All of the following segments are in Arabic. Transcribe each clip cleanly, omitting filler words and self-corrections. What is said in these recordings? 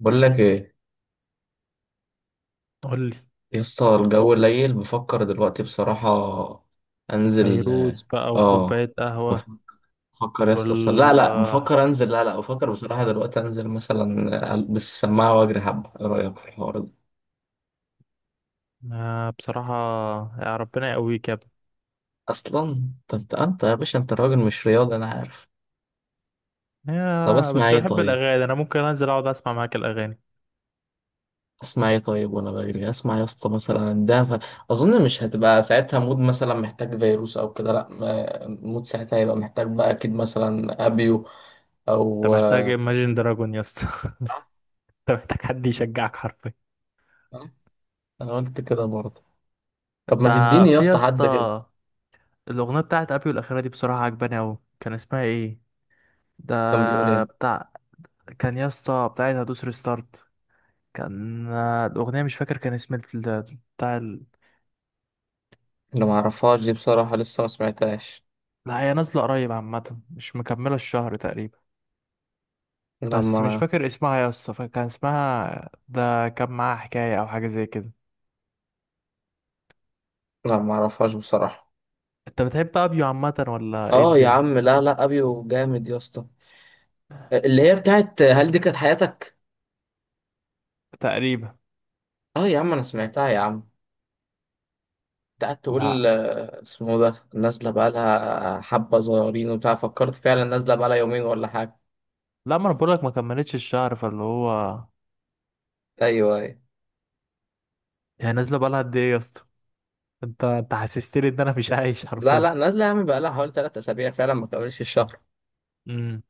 بقول لك ايه قولي. يا اسطى، الجو قليل، بفكر دلوقتي بصراحة انزل. فيروز بقى اه وكوباية قهوة. بفكر بفكر يا اسطى بصراحة. لا لا، والحوار؟ بفكر انزل. لا لا، بفكر بصراحة دلوقتي انزل مثلا، البس السماعة واجري حبة. ايه رأيك في الحوار ده؟ بصراحة، يا ربنا يقويك يا ابني. اصلا طب انت يا باشا، انت راجل مش رياضي، انا عارف. طب يا اسمع بس ايه بحب طيب؟ الأغاني أنا، ممكن أنزل أقعد أسمع معاك الأغاني. اسمع ايه طيب وانا بجري؟ اسمع يا اسطى مثلا ده اظن مش هتبقى ساعتها مود مثلا محتاج فيروس او كده. لا مود ساعتها هيبقى محتاج بقى اكيد مثلا ابيو أنت او محتاج Imagine دراجون يا اسطى. صح. أنت محتاج حد يشجعك حرفيا. صح. انا قلت كده برضه. طب أنت، ما تديني يا في يا اسطى حد كده. اسطى الأغنية بتاعت أبيو الأخيرة دي بصراحة عجباني أوي، كان اسمها إيه؟ ده كان بيقول ايه؟ بتاع، كان يا اسطى بتاعت هدوس ريستارت. كان الأغنية مش فاكر كان اسم بتاع. انا ما اعرفهاش دي بصراحه، لسه ما سمعتهاش. لا هي نازلة قريب عامة، مش مكملة الشهر تقريبا. انا بس مش ما فاكر اسمها يا اسطى، فكان اسمها ده كان معاها حكاية أو حاجة زي كده. لا ما اعرفهاش بصراحه. أنت بتحب أبيو عامة ولا إيه اه يا الدنيا؟ عم، لا لا، ابيو جامد يا اسطى. اللي هي بتاعت هل دي كانت حياتك. تقريبا. اه يا عم انا سمعتها يا عم. انت قاعد تقول، لا اسمه ده نازله بقالها حبه صغيرين وبتاع، فكرت فعلا نازله بقالها يومين ولا حاجه. لا، ما أنا بقولك ما كملتش الشهر، فاللي هو ايوه ايوه. هي نازلة بقالها قد إيه يا اسطى؟ أنت حسستني إن أنا مش عايش لا حرفيا. لا، نازله يا عم بقالها حوالي ثلاث اسابيع، فعلا ما كملش الشهر. امم.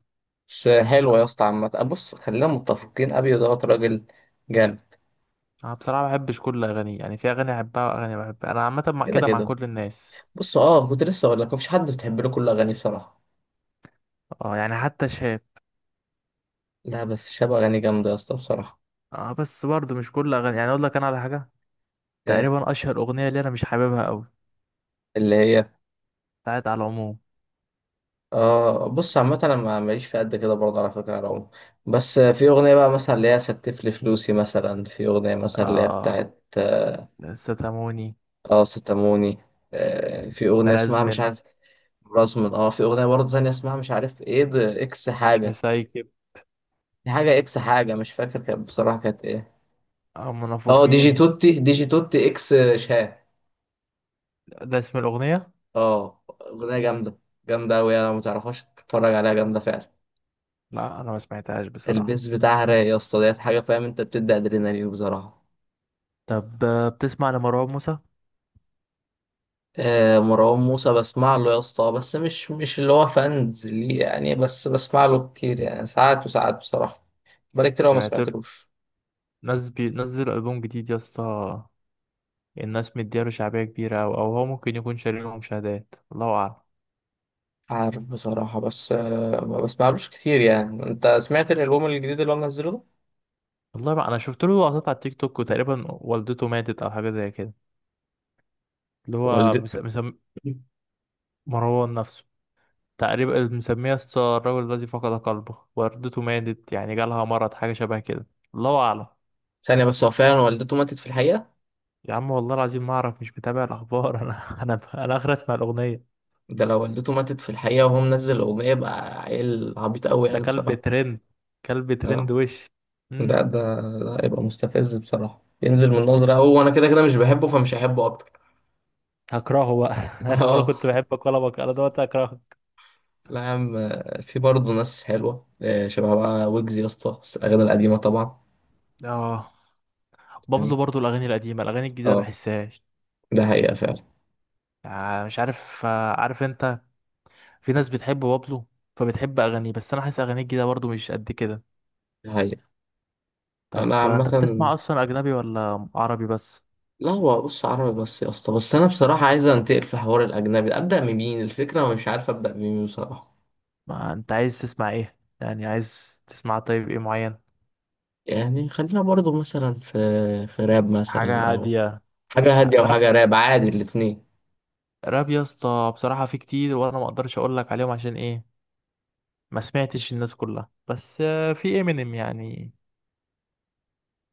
بس لا حلوة يا اسطى عامة. بص خلينا متفقين، أبيو دوت راجل جامد. أنا بصراحة ما بحبش كل أغانيه، يعني في أغاني أحبها وأغاني بحبها، أنا عامة كده كده مع كده. كل الناس. بص، اه كنت لسه أقول لك مفيش حد بتحب له كل أغانيه بصراحة. أه يعني حتى شاب. لا بس شاب أغاني جامدة يا اسطى بصراحة. أه بس برضه مش كل أغاني، يعني أقول لك أنا على حاجة، آه، تقريبا اشهر اغنيه اللي انا مش حاببها قوي، اللي هي بتاعت على العموم. اه بص، عامة أنا ماليش في قد كده برضه على فكرة يا رعوم. بس في أغنية بقى مثلا اللي هي ستف لي فلوسي، مثلا في أغنية مثلا أيوة. اللي هي اه، بتاعت اه. ستاموني، ستاموني. في أغنية اسمها مش مرازمن، عارف، رزمن. اه في أغنية برضه تانية اسمها مش عارف ايه، ده اكس مش حاجة. مسايكب، دي حاجة اكس حاجة، مش فاكر كانت بصراحة كانت ايه. او اه منافقين، ديجي توتي، ديجي توتي اكس شاه. ده اسم الاغنيه. اه اغنية جامدة. جامدة اوي، انا متعرفهاش، تتفرج عليها جامدة فعلا. لا انا ما سمعتهاش بصراحه. البيز بتاعها رايق يا اسطى، ديت حاجة فاهم، انت بتدي ادرينالين بصراحة. طب بتسمع لمروان موسى؟ آه مروان موسى بسمع له يا اسطى، بس مش اللي هو فانز ليه يعني، بس بسمع له كتير يعني، ساعات وساعات بصراحة. بقالي كتير أوي ما سمعت له. سمعتلوش. ناس بينزل البوم جديد يا اسطى، الناس مدياله شعبيه كبيره، او او هو ممكن يكون شاري له مشاهدات، الله اعلم. عارف بصراحة، بس آه ما بسمعلوش كتير يعني. انت سمعت الالبوم الجديد اللي هو منزله ده؟ والله ما انا شفت له لقطات على التيك توك، وتقريبا والدته ماتت او حاجه زي كده. اللي هو والد. مروان نفسه، تقريبا مسميها ستار الراجل الذي فقد قلبه، وردته ماتت يعني، جالها مرض حاجة شبه كده. الله أعلم. ثانية بس، هو فعلا والدته ماتت في الحقيقة؟ يا عم والله العظيم ما أعرف، مش متابع الأخبار. أنا آخر أسمع الأغنية. ده لو والدته ماتت في الحقيقة وهو منزل الأغنية يبقى عيل عبيط أوي ده يعني كلب بصراحة. ترند، كلب ترند اه وش. ده مم. ده ده يبقى مستفز بصراحة، ينزل من نظرة أوي، وأنا كده كده مش بحبه فمش هحبه أكتر. هكرهه بقى. أنا ولا كنت اه. بحبك ولا بك، أنا دلوقتي هكرهك. لا يا عم، في برضه ناس حلوة، شبه بقى ويجز يا اسطى، بس الأغاني القديمة طبعا. آه، فاهم؟ بابلو برضو الأغاني القديمة، الأغاني الجديدة اه. بحسهاش. ده حقيقة فعلا. مش عارف، عارف أنت، في ناس بتحب بابلو فبتحب أغانيه، بس أنا حاسس أغانيه الجديدة برضو مش قد كده. ده حقيقة. طب أنا عامة، انت بتسمع اصلا اجنبي ولا عربي بس؟ لا هو بص عربي بس يا اسطى، بس أنا بصراحة عايز أنتقل في حوار الأجنبي، أبدأ من مين الفكرة ومش عارف أبدأ من مين بصراحة. ما انت عايز تسمع ايه يعني؟ عايز تسمع طيب ايه معين؟ يعني خلينا برضو مثلا في، في راب مثلا حاجة او هادية. حاجة هادية او راب. حاجة راب عادي، الاتنين. راب يا اسطى بصراحة في كتير، وانا ما اقدرش اقول لك عليهم عشان ايه؟ ما سمعتش الناس كلها. بس في امينيم يعني،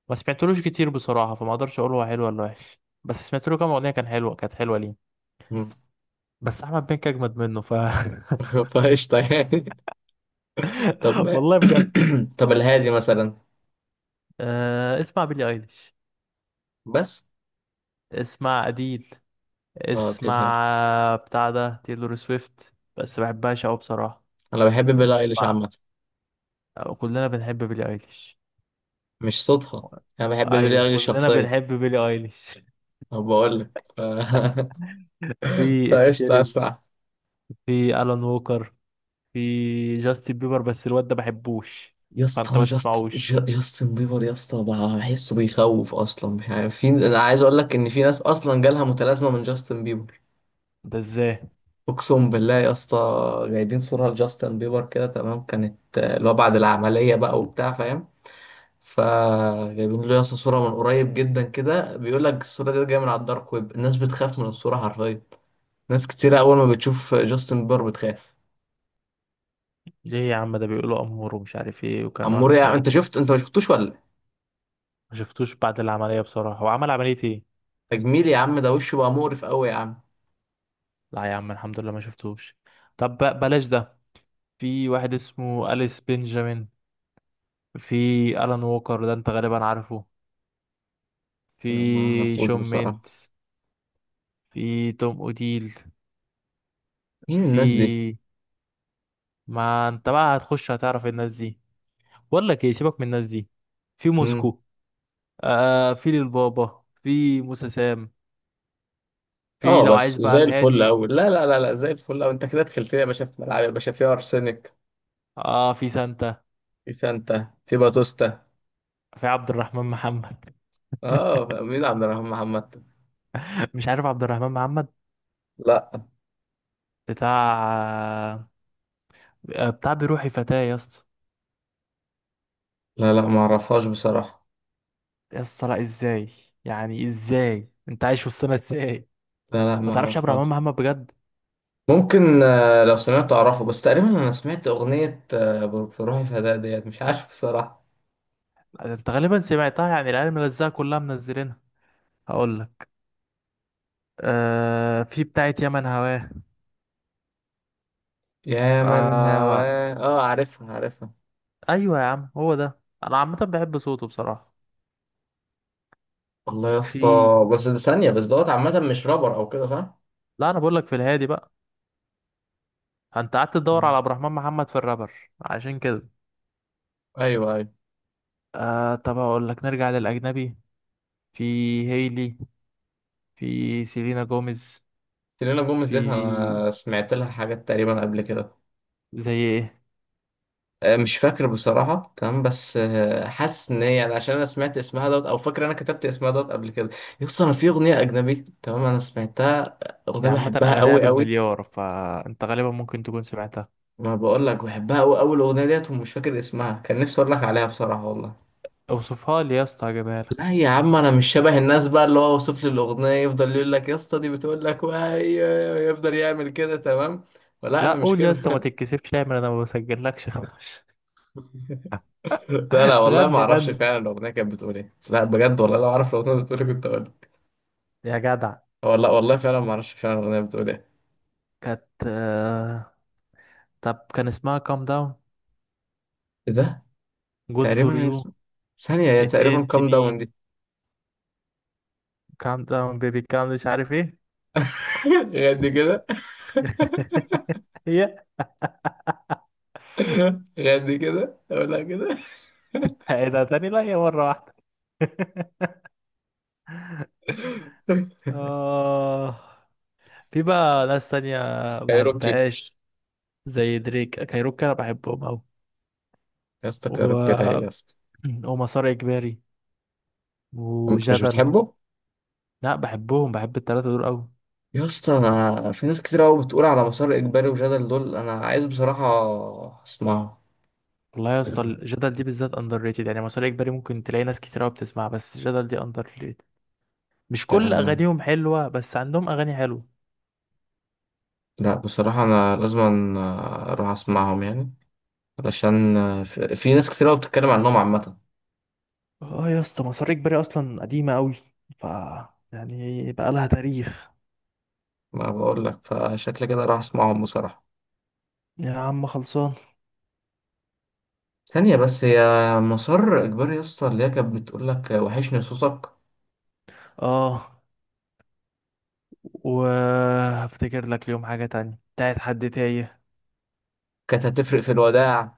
ما سمعتلوش كتير بصراحة، فما اقدرش اقول هو حلو ولا وحش، بس سمعت له كام اغنية كان حلوة، كانت حلوة ليه. مم. بس احمد بنك اجمد منه ف... فقشطة يعني. طب ما، والله بجد. طب الهادي مثلا أه، اسمع بيلي ايليش، بس. اسمع اديل، اه تلهال. اسمع بتاع ده تيلور سويفت، بس بحبهاش أوي بصراحة. انا بحب بيلي ايليش مع- عامة، كلنا بنحب بيلي ايليش. مش صوتها، انا بحب بيلي ايوه ايليش كلنا شخصيا. بنحب بيلي ايليش. انا بقول لك في إد فقشطة شيرين، اسمع. في الان ووكر، في جاستن بيبر، بس الواد ده بحبوش، يا فانت اسطى ما جاست، تسمعوش. جاستن بيبر يا اسطى بقى بحسه بيخوف اصلا، مش عارف. في، انا أس- عايز اقول لك ان في ناس اصلا جالها متلازمة من جاستن بيبر. ده ازاي؟ اقسم بالله يا اسطى، جايبين صوره لجاستن بيبر كده تمام، كانت اللي هو بعد العمليه بقى وبتاع، فاهم، فجايبين له يا اسطى صوره من قريب جدا كده، بيقول لك الصوره دي جايه من على الدارك ويب، الناس بتخاف من الصوره حرفيا. ناس كتير اول ما بتشوف جاستن بيبر بتخاف. ليه يا عم؟ ده بيقولوا امور ومش عارف ايه، وكان عمور واخد يا عم انت ملك. شفت؟ انت ما شفتوش ولا؟ ما شفتوش بعد العمليه بصراحه، هو عمل عمليه ايه؟ تجميل يا عم، ده وشه بقى مقرف قوي يا عم. لا يا عم الحمد لله ما شفتوش. طب بلاش ده. في واحد اسمه أليس بنجامين، في ألان ووكر ده انت غالبا عارفه، لا ما في اعرفوش شون بصراحه. ميندز، في توم اوديل، مين الناس دي؟ في، ما انت بقى هتخش هتعرف الناس دي. بقول لك ايه، سيبك من الناس دي. في مم. موسكو. آه في للبابا، في موسى سام، في اه لو بس عايز بقى زي الفل الهادي. قوي، لا لا لا لا، زي الفل قوي. انت كده دخلت لي يا باشا في ملعب يا باشا فيها ارسنال. اه في سانتا، في سانتا، في باتوستا. في عبد الرحمن محمد. اه مين عبد الرحمن محمد؟ مش عارف عبد الرحمن محمد؟ لا. بتاع، بتاع بروحي فتاة يا اسطى. لا، لا ما اعرفهاش بصراحة. يا اسطى لا ازاي؟ يعني ازاي انت عايش وسطنا ازاي؟ لا لا ما ما تعرفش عبد الرحمن اعرفهاش. محمد بجد؟ ممكن لو سمعت اعرفه، بس تقريبا انا سمعت اغنية في روحي فداء ديت، مش عارف بصراحة. انت غالبا سمعتها، يعني العيال ملزقه كلها منزلينها. هقول لك، آه في بتاعه يمن هواه. يا من آه. هواه، اه عارفها عارفها. ايوه يا عم هو ده، انا عامه بحب صوته بصراحه. والله يا اسطى. في، بس ده ثانية بس، دوت عامة مش رابر او كده صح؟ لا انا بقول لك في الهادي بقى، انت قعدت تدور مم. على عبد الرحمن محمد في الرابر عشان كده. ايوه ايوه. آه طب هقول لك نرجع للاجنبي. في هيلي، في سيلينا جوميز، سيلينا جوميز في، ديت انا سمعت لها حاجات تقريبا قبل كده. زي ايه؟ مش فاكر بصراحة تمام، بس حاسس ان هي يعني، عشان انا سمعت اسمها دوت، او فاكر انا كتبت اسمها دوت قبل كده. يس انا في اغنية اجنبي، تمام انا سمعتها، اغنية يعني عامه بحبها اغانيها قوي قوي. بالمليار، فانت غالبا ممكن تكون سمعتها. ما بقول لك بحبها قوي قوي الاغنية ديت، ومش فاكر اسمها، كان نفسي اقول لك عليها بصراحة والله. اوصفها لي يا اسطى هجيبها لا لك. يا عم انا مش شبه الناس بقى اللي هو وصف لي الاغنية، يفضل يقول لك يا اسطى دي بتقول لك وهي، يفضل يعمل كده تمام. ولا لا انا مش قول يا اسطى ما كده. تتكسفش، اعمل انا ما بسجلكش خلاص. لا لا والله ما غني اعرفش غني فعلا الاغنية كانت بتقول ايه، لا بجد والله لو اعرف الاغنية بتقول ايه كنت اقول. يا جدع. والله والله فعلا ما اعرفش فعلا الاغنيه بتقول ايه. كانت طب كان اسمها كام داون؟ ايه ده؟ جود فور تقريبا إيه يو؟ اسمه؟ ثانيه، هي ات تقريبا انت كام مي؟ داون دي. كام داون بيبي كام مش عارف ايه. غادي كده. هي غادي كده اقولها كده. ايه ده تاني؟ لا هي مرة واحدة. آه، في بقى ناس تانية كايروكي. بحبهاش، زي دريك كايروكا أنا بحبهم أوي. يا اسطى كايروكي رايق و... يا اسطى. ومسار إجباري أنت مش وجدل. بتحبه؟ لا بحبهم، بحب التلاتة دول أوي. يا اسطى انا في ناس كتير قوي بتقول على مسار اجباري وجدل دول، انا عايز بصراحه اسمعه. والله يا اسطى الجدل دي بالذات اندر ريتد، يعني مسار اجباري ممكن تلاقي ناس كتير قوي بتسمعها، بس الجدل دي اندر ريتد. مش كل لأن اغانيهم حلوه، بس عندهم اغاني حلوه. لا بصراحة أنا لازم أروح أسمعهم يعني، علشان في، في ناس كتير أوي بتتكلم عنهم عامة. اه يا اسطى مسار اجباري اصلا قديمه قوي، ف، يعني بقى لها تاريخ. ما بقول لك فشكل كده راح أسمعهم بصراحة. يا عم خلصان. ثانية بس، هي مسار إجباري يا اسطى اللي هي كانت بتقول لك وحشني صوتك، اه، وهفتكر لك اليوم حاجه تانية بتاعت حد تايه. كانت هتفرق في الوداع.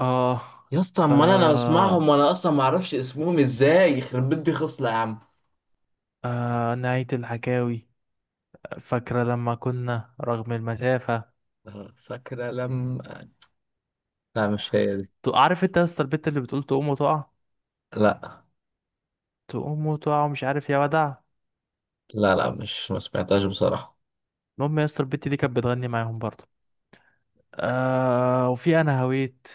اه. يا اسطى، أما أنا، أنا بسمعهم آه. وأنا أصلا ما أعرفش اسمهم إزاي، يخرب بيت دي خصلة يا عم. آه نهاية الحكاوي، فاكرة لما كنا، رغم المسافة. فاكرة لما. لا مش هي دي. عارف انت يا اسطى البت اللي بتقول تقوم وتقع؟ لا تقوم وتقع ومش عارف يا ودع. لا لا مش، ما سمعتهاش بصراحة. المهم يا اسطى البت دي كانت بتغني معاهم برضه. آه وفي انا هويت،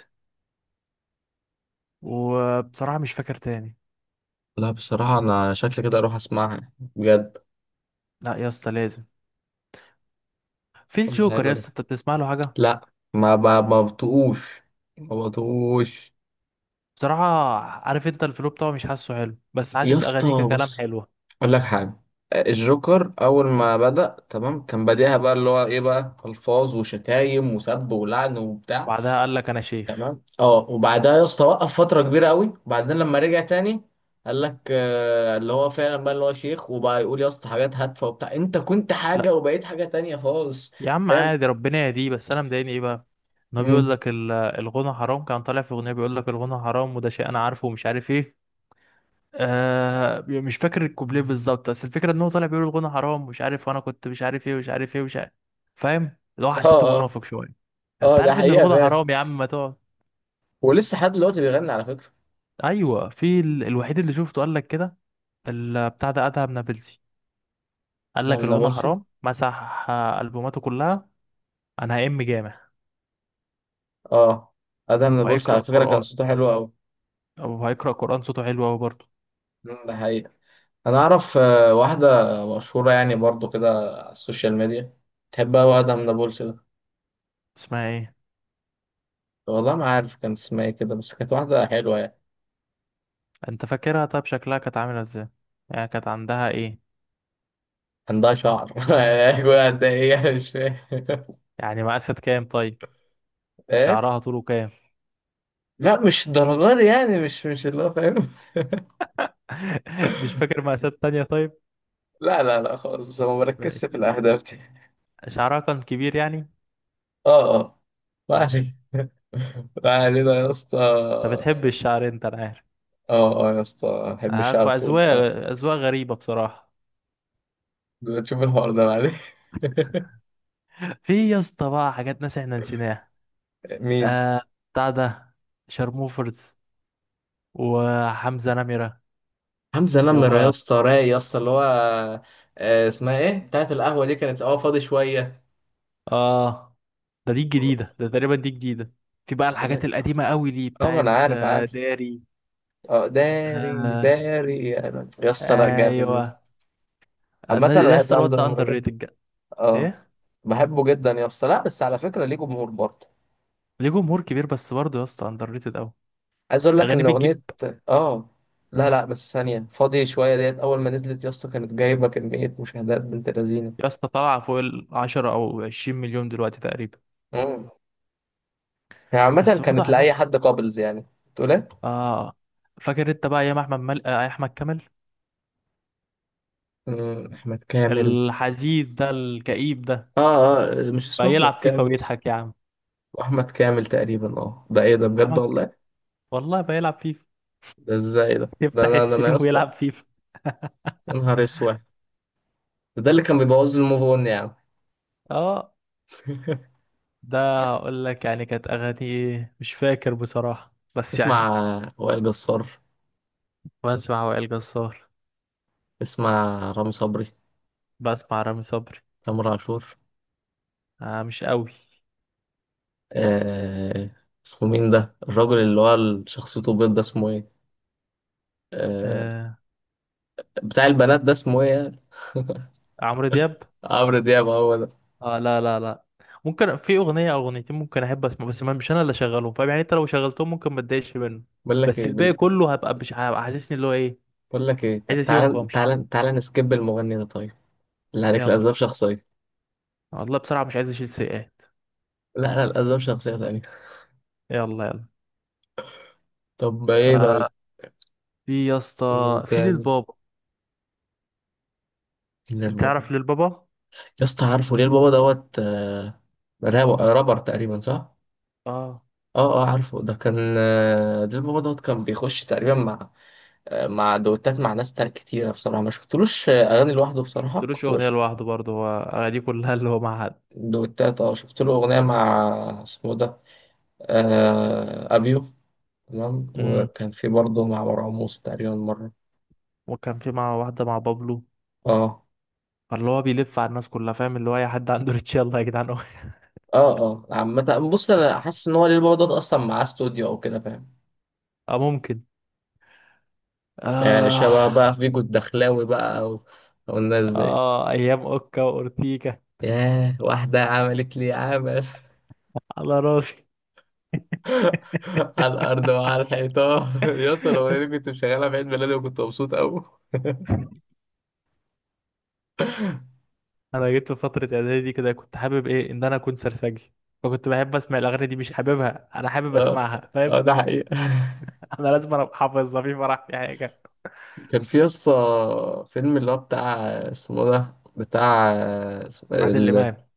وبصراحه مش فاكر تاني. لا بصراحة أنا شكلي كده أروح أسمعها بجد. لا يا اسطى لازم. في طب ده الجوكر يا حلو ده. اسطى، انت بتسمع له حاجه؟ لا ما بطقوش. ما بطقوش. بصراحه، عارف انت، الفلو بتاعه مش حاسه حلو، بس يا حاسس اسطى اغانيه ككلام بص، حلوه. اقول لك حاجه. الجوكر اول ما بدأ تمام، كان بديها بقى اللي هو ايه بقى، الفاظ وشتايم وسب ولعن وبتاع. بعدها قال لك انا شيخ. تمام. اه، وبعدها يا اسطى وقف فتره كبيره قوي، وبعدين لما رجع تاني قال لك آه اللي هو فعلا بقى اللي هو شيخ، وبقى يقول يا اسطى حاجات هادفه وبتاع، انت كنت لا حاجه وبقيت حاجه تانية خالص. يا عم فاهم. عادي، ربنا يهديه، بس انا مضايقني ايه بقى، ان هو بيقول مم. لك الغنى حرام. كان طالع في اغنيه بيقول لك الغنى حرام، وده شيء انا عارفه ومش عارف ايه. آه مش فاكر الكوبليه بالظبط، بس الفكره ان هو طالع بيقول الغنى حرام مش عارف، وانا كنت مش عارف ايه ومش عارف ايه ومش عارف. فاهم، اللي هو اه حسيته اه. منافق شويه. انت اه ده عارف ان حقيقه الغنى فعلا. حرام يا عم، ما تقعد. ولسه لحد دلوقتي بيغني على فكره. ايوه، في الوحيد اللي شفته قال لك كده، بتاع ده ادهم نابلسي، قال ده لك من الغنى نابلسي. حرام، مسح البوماته كلها. انا هأم جامع اه ادهم نابلسي وهيقرا على فكره كان قران، صوته حلو قوي. او هيقرا قران. صوته حلو قوي برضه. مم، ده حقيقه. انا اعرف واحده مشهوره يعني برضو كده، على السوشيال ميديا، تحبها، واحده من نابلس ده. اسمها ايه؟ والله ما عارف كان اسمها ايه كده، بس كانت واحده حلوه يعني. انت فاكرها طيب شكلها كانت عامله ازاي؟ يعني كانت عندها ايه؟ عندها شعر. ايوه قد ايه يعني، مش فاهم. يعني مقاسات كام طيب؟ ايه؟ شعرها طوله كام؟ لا مش الدرجه دي يعني، مش اللي هو فاهم. مش فاكر مقاسات تانية طيب. لا لا لا خالص، بس أنا ما بركزش ماشي. في الاهداف دي. شعرها كان كبير يعني. اه اه. ما علينا. ماشي. ما علينا يا اسطى. انت بتحب اه. الشعر انت انا عارف. اه يا اسطى بحب الشعر الطويل اذواق. بصراحه. اذواق غريبة بصراحة. تشوف الحوار ده بعدين. في يا اسطى بقى حاجات ناس احنا نسيناها. مين؟ آه، بتاع ده، شارموفرز وحمزة نمرة. حمزة نمرة يا و... اسطى رايق يا اسطى، اللي هو اسمها ايه بتاعت القهوة دي، كانت اه فاضي شوية. اه ده، دي أغ- الجديدة ده، تقريبا دي جديدة. في بقى الحاجات أغنية. القديمة قوي دي اه ما انا بتاعت عارف عارف. داري. اه داري آه. داري، انا يا اسطى لا جامد يا ايوه. اسطى. عامة الناس، انا يا بحب اسطى الواد حمزة ده نمرة اندر جدا. ريتد. اه ايه؟ بحبه جدا يا اسطى، لا بس على فكرة ليه جمهور برضه. ليه جمهور كبير بس برضه يا اسطى اندر ريتد قوي. عايز اقول لك اغانيه ان بتجيب. اغنية، اه لا لا بس ثانية فاضي شوية ديت، اول ما نزلت يا اسطى كانت جايبة كمية مشاهدات بنت لذينة. يا اسطى طالعه فوق ال 10 او 20 مليون دلوقتي تقريبا. مم. هي عامة بس برضه كانت لأي حاسس. حد قابلز يعني. تقول ايه؟ اه. فاكر انت بقى ايام احمد مل... آه، احمد كامل، مم، أحمد كامل. الحزين ده الكئيب ده، اه اه مش اسمه بقى يلعب احمد فيفا كامل، اسمه ويضحك يا عم. احمد كامل تقريبا. اه ده ايه ده بجد احمد ك- والله. والله بقى يلعب فيفا. ده ازاي ده، ده يفتح انا، ده انا يا السريم اسطى. ويلعب فيفا. يا نهار اسود. ده، ده اللي كان بيبوظ لي الموف اون يا عم. اه ده، هقول لك يعني كانت اغاني ايه مش فاكر بصراحه بس تسمع يعني. وائل جسار؟ بسمع وائل جسار. تسمع رامي صبري؟ بسمع رامي صبري. تامر عاشور؟ آه مش قوي. آه، اسمه مين ده الراجل اللي هو شخصيته بيض ده اسمه ايه؟ آه آه. بتاع البنات ده اسمه ايه يعني؟ عمرو دياب. عمرو دياب هو ده. اه لا لا لا، ممكن في اغنيه او اغنيتين ممكن احب اسمع، بس ما مش انا اللي اشغلهم، فاهم يعني، انت لو شغلتهم ممكن ما اتضايقش منه. بقول لك بس ايه الباقي بال- كله هبقى مش هبقى حاسسني اللي هو ايه. بقول لك ايه، عايز اسيبك تعال وامشي. تعال تعال، نسكيب المغني ده طيب. لا عليك، يلا. الاسباب شخصيه. والله بصراحه مش عايز اشيل سيئات. لا لا الاسباب شخصيه تانية. يلا يلا. طب ايه طيب؟ آه، في يا في اسطى، مين في تاني؟ للبابا. مين البابا؟ تعرف للبابا؟ يا اسطى عارفه، ليه البابا دوت رابر تقريبا صح. اه. اه اه عارفه، ده كان ده البابا دوت كان بيخش تقريبا مع مع دوتات، مع ناس تانية كتيرة، بصراحة ما شفتلوش أغاني لوحده بصراحة شفتلوش كنت اغنيه بشوف لوحده برضه، هو اغانيه كلها اللي هو مع حد. دوتات. اه شفت له أغنية مع اسمه ده، أبيو، تمام. امم. وكان في برضه مع مروان موسى تقريبا مرة. وكان في مع واحده، مع بابلو. اه فاللي هو بيلف على الناس كلها، فاهم، اللي هو اي حد عنده ريتش يلا يا جدعان. اه اه، عامة بص، أنا حاسس إن هو ليه البابا دوت أصلا مع استوديو أو كده فاهم. اه ممكن. يعني آه. شبه بقى فيجو الدخلاوي بقى والناس دي. اه ايام اوكا واورتيكا. ياه، واحدة عملت لي عمل على راسي. على الأرض وعلى الحيطان، يا اسطى الأغنية دي كنت مشغلها في عيد ميلادي وكنت مبسوط أوي. انا جيت في فتره اعدادي كده، كنت حابب ايه، ان انا اكون سرسجي، فكنت بحب اسمع الاغاني دي. مش حاببها انا، حابب اه اسمعها، فاهم. اه ده حقيقة. انا لازم ابقى حافظها في فرح في حاجه. كان في يا اسطى فيلم اللي هو بتاع، اسمه ده بتاع، عادل ال... امام.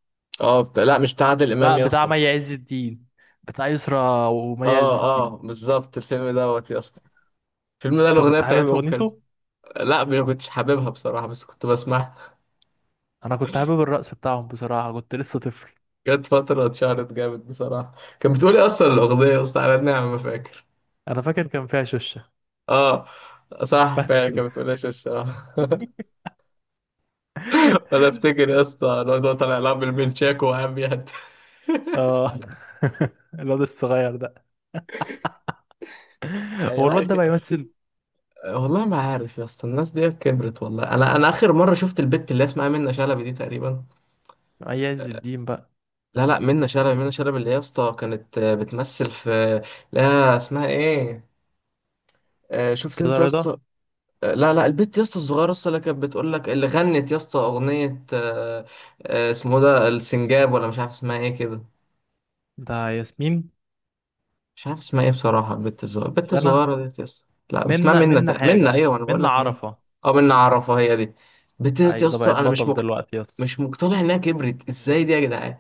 اه بتاع، لا مش بتاع عادل لا إمام يا بتاع اسطى. مي عز الدين، بتاع يسرا ومي عز اه اه الدين. بالظبط، الفيلم دوت يا اسطى، الفيلم ده انت الأغنية كنت حابب بتاعتهم كانت. اغنيته؟ لا ما كنتش حاببها بصراحة، بس كنت بسمعها. انا كنت حابب الرقص بتاعهم بصراحه، كنت لسه طفل. جت فترة اتشهرت جامد بصراحة. كانت بتقولي أصلا الأغنية يا اسطى على النعمة ما فاكر. انا فاكر كان فيها شوشه. اه صح فعلا بس. كانت بتقولي شش اه. أنا أفتكر يا اسطى الواد هو طالع لعب بالمنشاكو وقام يهد. اه. الواد الصغير ده، هو لا الواد ده أخي، بيمثل؟ والله ما عارف يا اسطى، الناس ديت كبرت والله. أنا، أنا آخر مرة شفت البت اللي اسمها منة شلبي دي تقريبا. اي عز الدين بقى. لا لا منة شلبي، منة شلبي اللي يا اسطى كانت بتمثل في. لا اسمها إيه؟ شفت أنت كده يا رضا. اسطى؟ لا لا، البت يا اسطى الصغيره يا اسطى اللي كانت بتقول لك، اللي غنت يا اسطى اغنيه اسمه ده السنجاب، ولا مش عارف اسمها ايه كده. ده ياسمين. مش عارف اسمها ايه بصراحه، البت الصغيره، البت جنى. الصغيره دي يا اسطى، لا اسمها منا، منى منا منى، حاجة، ايوه انا بقول منا لك منى. عرفة. اه منى عرفها هي دي. البت دي اي يا ده اسطى بقت انا بطل دلوقتي يا اسطى. مش مقتنع انها كبرت ازاي دي يا جدعان.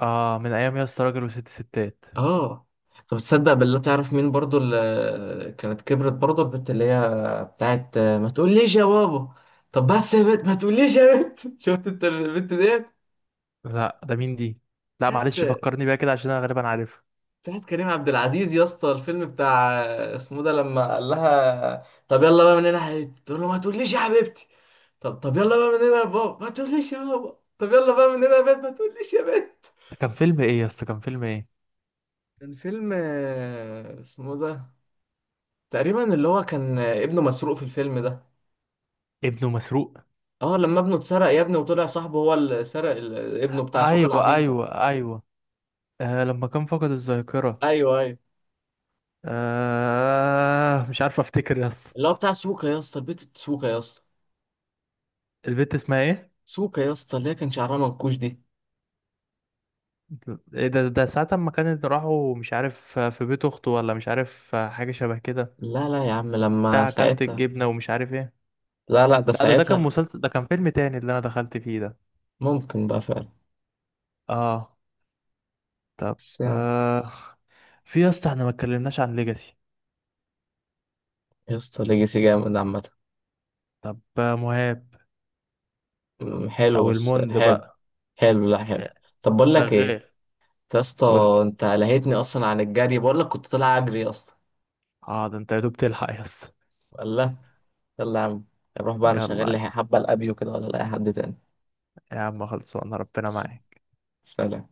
اه من ايام يا اسطى راجل وست ستات. اه. طب تصدق بالله، تعرف مين برضو اللي كانت كبرت برضو، البت اللي هي بتاعت ما تقوليش يا بابا. طب بس يا بنت ما تقوليش يا بنت. شفت انت البنت ديت؟ لا ده مين دي؟ لا هات، معلش فكرني بيها كده عشان انا غالبا عارفها. هات كريم عبد العزيز يا اسطى الفيلم بتاع اسمه ده، لما قال لها طب يلا بقى من هنا يا حبيبتي، تقول له ما تقوليش يا حبيبتي. طب طب يلا بقى من هنا يا بابا، ما تقوليش يا بابا. طب يلا بقى من هنا يا بنت، ما تقوليش يا بنت. ده كان فيلم ايه يا اسطى، كان فيلم ايه؟ كان فيلم اسمه ده، تقريبا اللي هو كان ابنه مسروق في الفيلم ده. ابنه مسروق. اه لما ابنه اتسرق يا ابني، وطلع صاحبه هو اللي سرق ابنه، بتاع سوكا ايوه العبيط ده. ايوه ايوه. آه لما كان فقد الذاكرة. ايوه ايوه. آه مش عارف افتكر يا اسطى. اللي هو بتاع سوكا يا اسطى، البيت سوكا يا اسطى، البنت اسمها ايه؟ سوكا يا اسطى اللي هي كان شعرها منكوش دي. ايه ده، ده ساعة ما كانت راحوا مش عارف في بيت اخته، ولا مش عارف حاجة شبه كده. لا لا يا عم لما بتاع اكلت ساعتها، الجبنة ومش عارف ايه. لا لا ده لا ده، ده كان ساعتها. مسلسل، ده كان فيلم تاني اللي انا دخلت فيه ده. ممكن بقى فعلا. اه. طب. بس يعني. آه، في يا اسطى احنا ما اتكلمناش عن ليجاسي. يا اسطى ليجاسي جامد عامة. طب مهاب، أمم، حلو او بس الموند حلو. بقى. حلو لا حلو. طب بقول لك ايه، شغال. أنت يا اسطى، قول لي. انت لهيتني اصلا عن الجري، بقول لك كنت طالع اجري اصلا. اه ده انت يا دوب تلحق يا اسطى. لا، يلا يا عم، روح بقى، انا شغال لي يلا حبة الابيو كده، ولا لاقي حد تاني. يا عم خلصوا، انا ربنا معاك. سلام